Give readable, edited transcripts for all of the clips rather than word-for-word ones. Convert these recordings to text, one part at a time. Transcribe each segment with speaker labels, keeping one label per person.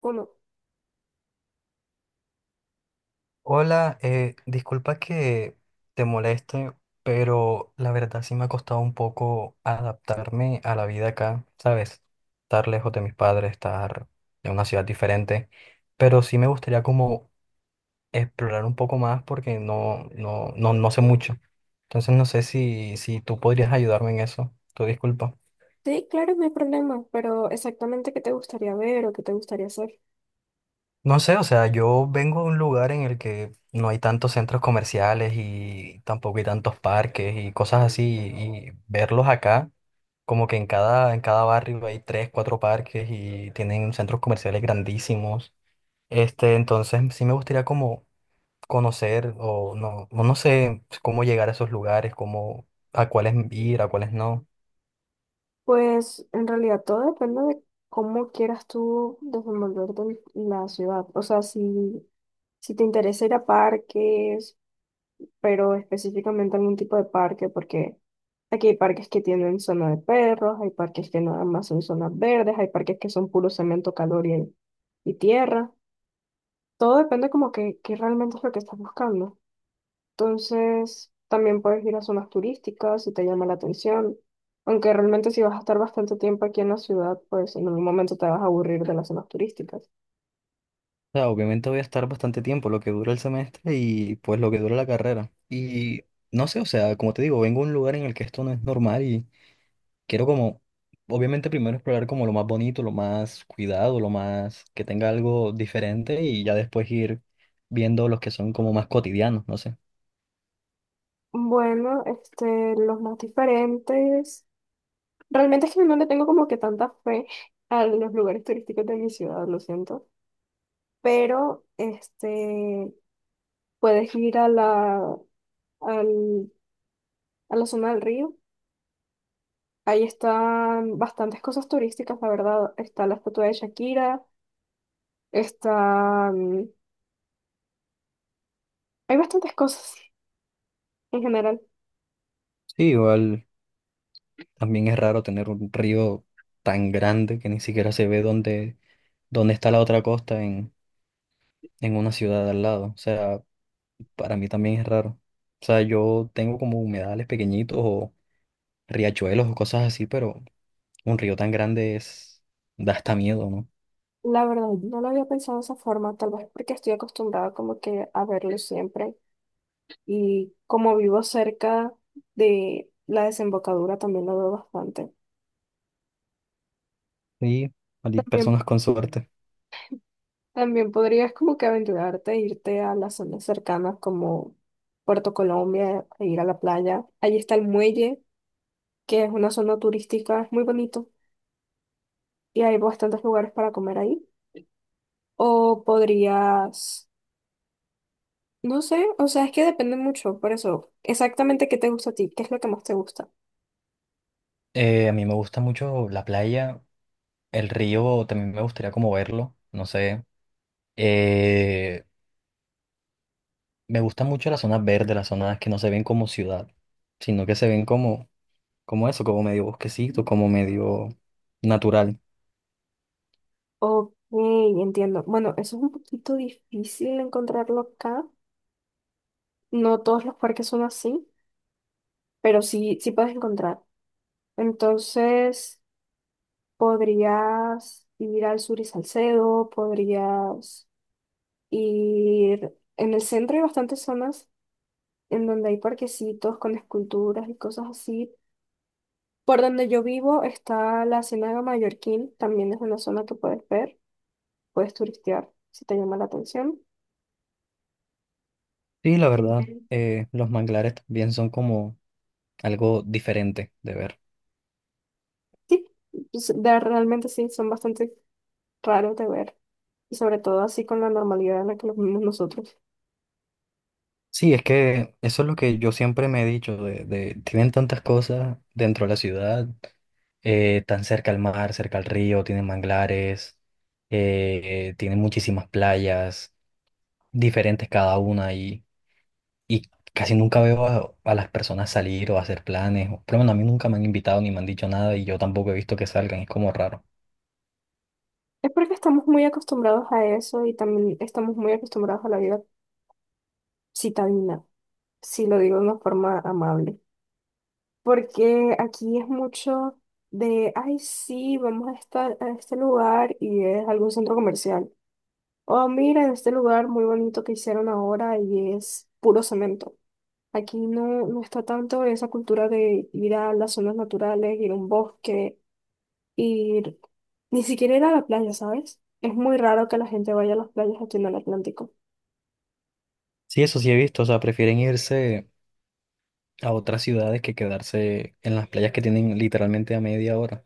Speaker 1: Bueno,
Speaker 2: Hola, disculpa que te moleste, pero la verdad sí me ha costado un poco adaptarme a la vida acá, ¿sabes? Estar lejos de mis padres, estar en una ciudad diferente, pero sí me gustaría como explorar un poco más porque no sé mucho. Entonces no sé si tú podrías ayudarme en eso. Tu disculpa.
Speaker 1: sí, claro, no hay problema, pero exactamente qué te gustaría ver o qué te gustaría hacer.
Speaker 2: No sé, o sea, yo vengo de un lugar en el que no hay tantos centros comerciales y tampoco hay tantos parques y cosas así, y verlos acá, como que en cada barrio hay tres, cuatro parques y tienen centros comerciales grandísimos. Este, entonces sí me gustaría como conocer o no sé cómo llegar a esos lugares, cómo, a cuáles ir, a cuáles no.
Speaker 1: Pues en realidad todo depende de cómo quieras tú desenvolverte en la ciudad. O sea, si te interesa ir a parques, pero específicamente algún tipo de parque, porque aquí hay parques que tienen zona de perros, hay parques que nada más son zonas verdes, hay parques que son puro cemento, calor y tierra. Todo depende como que realmente es lo que estás buscando. Entonces, también puedes ir a zonas turísticas si te llama la atención. Aunque realmente si vas a estar bastante tiempo aquí en la ciudad, pues en algún momento te vas a aburrir de las zonas turísticas.
Speaker 2: O sea, obviamente voy a estar bastante tiempo, lo que dura el semestre y pues lo que dura la carrera. Y no sé, o sea, como te digo, vengo a un lugar en el que esto no es normal y quiero como, obviamente primero explorar como lo más bonito, lo más cuidado, lo más que tenga algo diferente y ya después ir viendo los que son como más cotidianos, no sé.
Speaker 1: Bueno, este, los más diferentes. Realmente es que no le tengo como que tanta fe a los lugares turísticos de mi ciudad, lo siento. Pero, este, puedes ir al- a la zona del río. Ahí están bastantes cosas turísticas, la verdad. Está la estatua de Shakira. Está, hay bastantes cosas en general.
Speaker 2: Sí, igual también es raro tener un río tan grande que ni siquiera se ve dónde está la otra costa en una ciudad al lado. O sea, para mí también es raro. O sea, yo tengo como humedales pequeñitos o riachuelos o cosas así, pero un río tan grande es, da hasta miedo, ¿no?
Speaker 1: La verdad, no lo había pensado de esa forma, tal vez porque estoy acostumbrada como que a verlo siempre y como vivo cerca de la desembocadura también lo veo bastante.
Speaker 2: Sí, hay
Speaker 1: También,
Speaker 2: personas con suerte.
Speaker 1: también podrías como que aventurarte, e irte a las zonas cercanas como Puerto Colombia, e ir a la playa. Allí está el muelle, que es una zona turística, es muy bonito y hay bastantes lugares para comer ahí. O podrías no sé, o sea, es que depende mucho, por eso, exactamente qué te gusta a ti, qué es lo que más te gusta.
Speaker 2: A mí me gusta mucho la playa, el río también me gustaría como verlo, no sé. Eh, Me gusta mucho las zonas verdes, las zonas que no se ven como ciudad, sino que se ven como, como eso, como medio bosquecito, como medio natural.
Speaker 1: Ok, entiendo. Bueno, eso es un poquito difícil encontrarlo acá. No todos los parques son así, pero sí, sí puedes encontrar. Entonces, podrías ir al Sur y Salcedo, podrías ir en el centro hay bastantes zonas en donde hay parquecitos con esculturas y cosas así. Por donde yo vivo está la Ciénaga Mallorquín, también es una zona que puedes ver, puedes turistear si te llama la atención.
Speaker 2: Sí, la verdad,
Speaker 1: Genial.
Speaker 2: los manglares también son como algo diferente de ver.
Speaker 1: Sí, pues, de- realmente sí, son bastante raros de ver y sobre todo así con la normalidad en la que los vivimos nosotros.
Speaker 2: Sí, es que eso es lo que yo siempre me he dicho, tienen tantas cosas dentro de la ciudad, tan cerca al mar, cerca al río, tienen manglares, tienen muchísimas playas, diferentes cada una, y casi nunca veo a las personas salir o hacer planes, o- por lo menos a mí nunca me han invitado ni me han dicho nada, y yo tampoco he visto que salgan, es como raro.
Speaker 1: Es porque estamos muy acostumbrados a eso y también estamos muy acostumbrados a la vida citadina, si lo digo de una forma amable. Porque aquí es mucho de, ay, sí, vamos a estar a este lugar y es algún centro comercial. Oh, mira, en este lugar muy bonito que hicieron ahora y es puro cemento. Aquí no, no está tanto esa cultura de ir a las zonas naturales, ir a un bosque, ir ni siquiera ir a la playa, ¿sabes? Es muy raro que la gente vaya a las playas aquí en el Atlántico.
Speaker 2: Sí, eso sí he visto, o sea, prefieren irse a otras ciudades que quedarse en las playas que tienen literalmente a 1/2 hora.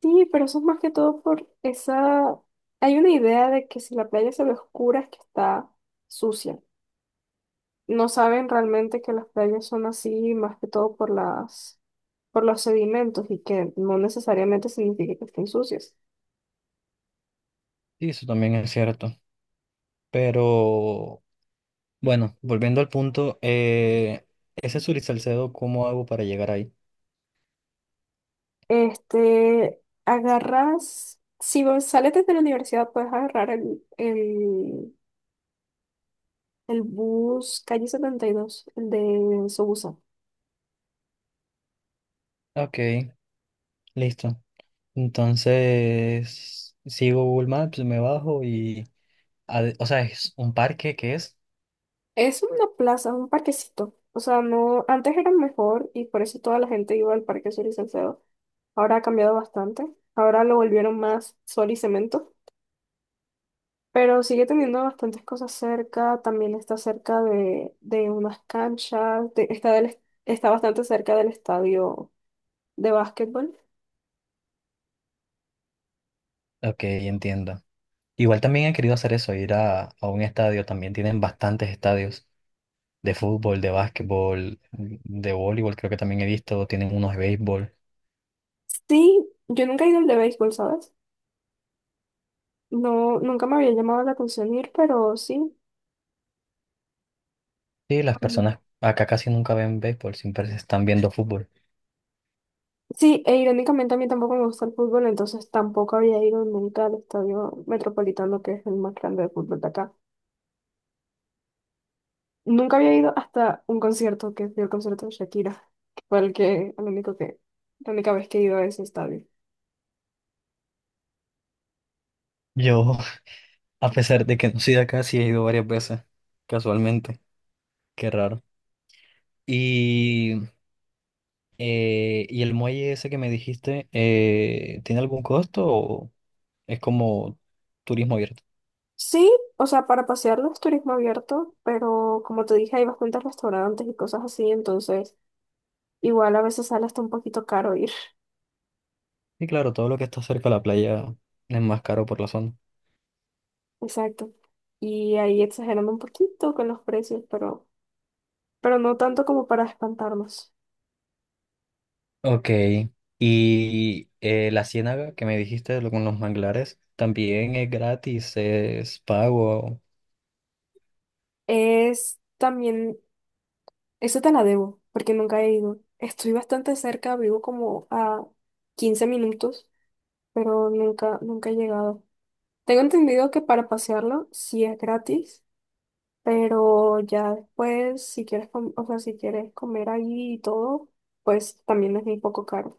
Speaker 1: Sí, pero eso es más que todo por esa… Hay una idea de que si la playa se ve oscura es que está sucia. No saben realmente que las playas son así, más que todo por las, por los sedimentos y que no necesariamente significa que estén sucias.
Speaker 2: Sí, eso también es cierto. Pero bueno, volviendo al punto, ese Sur y Salcedo, ¿cómo hago para llegar ahí?
Speaker 1: Este, agarras, si vos sales desde la universidad, puedes agarrar el bus calle 72, el de Sobusa.
Speaker 2: Ok, listo. Entonces, sigo Google Maps, me bajo y... O sea, es un parque que es...
Speaker 1: Es una plaza, un parquecito. O sea, no, antes era mejor y por eso toda la gente iba al Parque Sol y Salcedo. Ahora ha cambiado bastante. Ahora lo volvieron más sol y cemento. Pero sigue teniendo bastantes cosas cerca, también está cerca de unas canchas, de- está, del, est- está bastante cerca del estadio de básquetbol.
Speaker 2: Ok, entiendo. Igual también he querido hacer eso, ir a un estadio. También tienen bastantes estadios de fútbol, de básquetbol, de voleibol, creo que también he visto, tienen unos de béisbol.
Speaker 1: Sí, yo nunca he ido al de béisbol, ¿sabes? No, nunca me había llamado la atención ir, pero sí.
Speaker 2: Sí, las personas acá casi nunca ven béisbol, siempre se están viendo fútbol.
Speaker 1: Sí, e irónicamente a mí tampoco me gusta el fútbol, entonces tampoco había ido nunca al estadio Metropolitano, que es el más grande de fútbol de acá. Nunca había ido hasta un concierto, que fue el concierto de Shakira, que fue el que, el único que, la única vez que he ido a ese estadio.
Speaker 2: Yo, a pesar de que no soy de acá, sí he ido varias veces, casualmente, qué raro. Y, ¿Y el muelle ese que me dijiste, tiene algún costo o es como turismo abierto?
Speaker 1: Sí, o sea, para pasearlo es turismo abierto, pero como te dije, hay bastantes restaurantes y cosas así, entonces igual a veces sale hasta un poquito caro ir.
Speaker 2: Sí, claro, todo lo que está cerca de la playa es más caro por la zona.
Speaker 1: Exacto. Y ahí exagerando un poquito con los precios, pero no tanto como para espantarnos.
Speaker 2: Ok, y la ciénaga que me dijiste con los manglares también es gratis, es pago.
Speaker 1: Es también, eso te la debo, porque nunca he ido. Estoy bastante cerca, vivo como a 15 minutos, pero nunca he llegado. Tengo entendido que para pasearlo sí es gratis. Pero ya después, si quieres, o sea, si quieres comer ahí y todo, pues también es muy poco caro.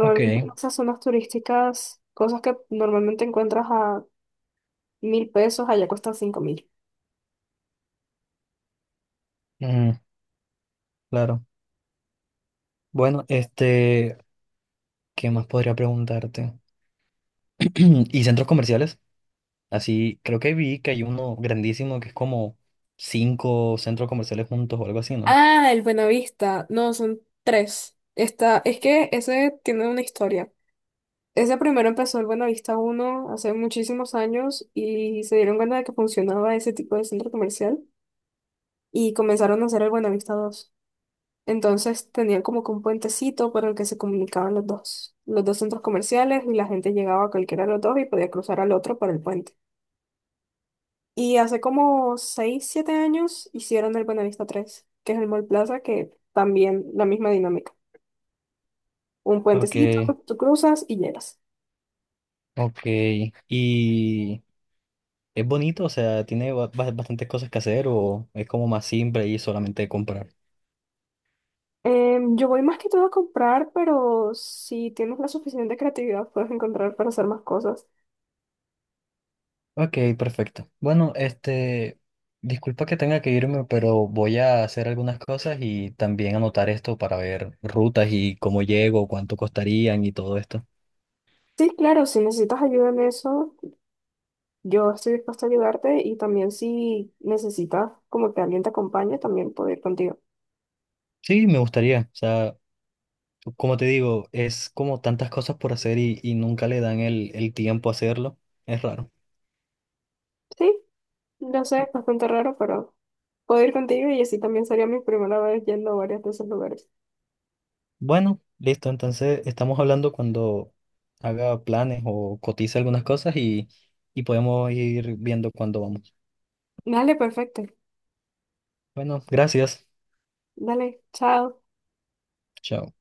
Speaker 2: Ok,
Speaker 1: en esas zonas turísticas, cosas que normalmente encuentras a 1.000 pesos, allá cuestan 5.000.
Speaker 2: mm, claro. Bueno, este, ¿qué más podría preguntarte? ¿Y centros comerciales? Así, creo que vi que hay uno grandísimo que es como 5 centros comerciales juntos o algo así, ¿no?
Speaker 1: Ah, el Buenavista. No, son tres. Está, es que ese tiene una historia. Ese primero empezó el Buenavista uno hace muchísimos años y se dieron cuenta de que funcionaba ese tipo de centro comercial y comenzaron a hacer el Buenavista dos. Entonces tenían como que un puentecito por el que se comunicaban los dos, centros comerciales y la gente llegaba a cualquiera de los dos y podía cruzar al otro por el puente. Y hace como 6 7 años hicieron el Buenavista tres, que es el Mall Plaza, que también la misma dinámica. Un
Speaker 2: Ok,
Speaker 1: puentecito, tú cruzas y llegas.
Speaker 2: ok. ¿Y es bonito? O sea, ¿tiene bastantes cosas que hacer o es como más simple y solamente comprar?
Speaker 1: Em, yo voy más que todo a comprar, pero si tienes la suficiente creatividad puedes encontrar para hacer más cosas.
Speaker 2: Ok, perfecto. Bueno, este, disculpa que tenga que irme, pero voy a hacer algunas cosas y también anotar esto para ver rutas y cómo llego, cuánto costarían y todo esto.
Speaker 1: Sí, claro, si necesitas ayuda en eso, yo estoy dispuesta a ayudarte y también si necesitas como que alguien te acompañe, también puedo ir contigo.
Speaker 2: Sí, me gustaría. O sea, como te digo, es como tantas cosas por hacer y nunca le dan el tiempo a hacerlo. Es raro.
Speaker 1: Sí, no sé, es bastante raro, pero puedo ir contigo y así también sería mi primera vez yendo a varios de esos lugares.
Speaker 2: Bueno, listo. Entonces, estamos hablando cuando haga planes o cotice algunas cosas y podemos ir viendo cuándo vamos.
Speaker 1: Dale, perfecto.
Speaker 2: Bueno, gracias.
Speaker 1: Dale, chao.
Speaker 2: Chao.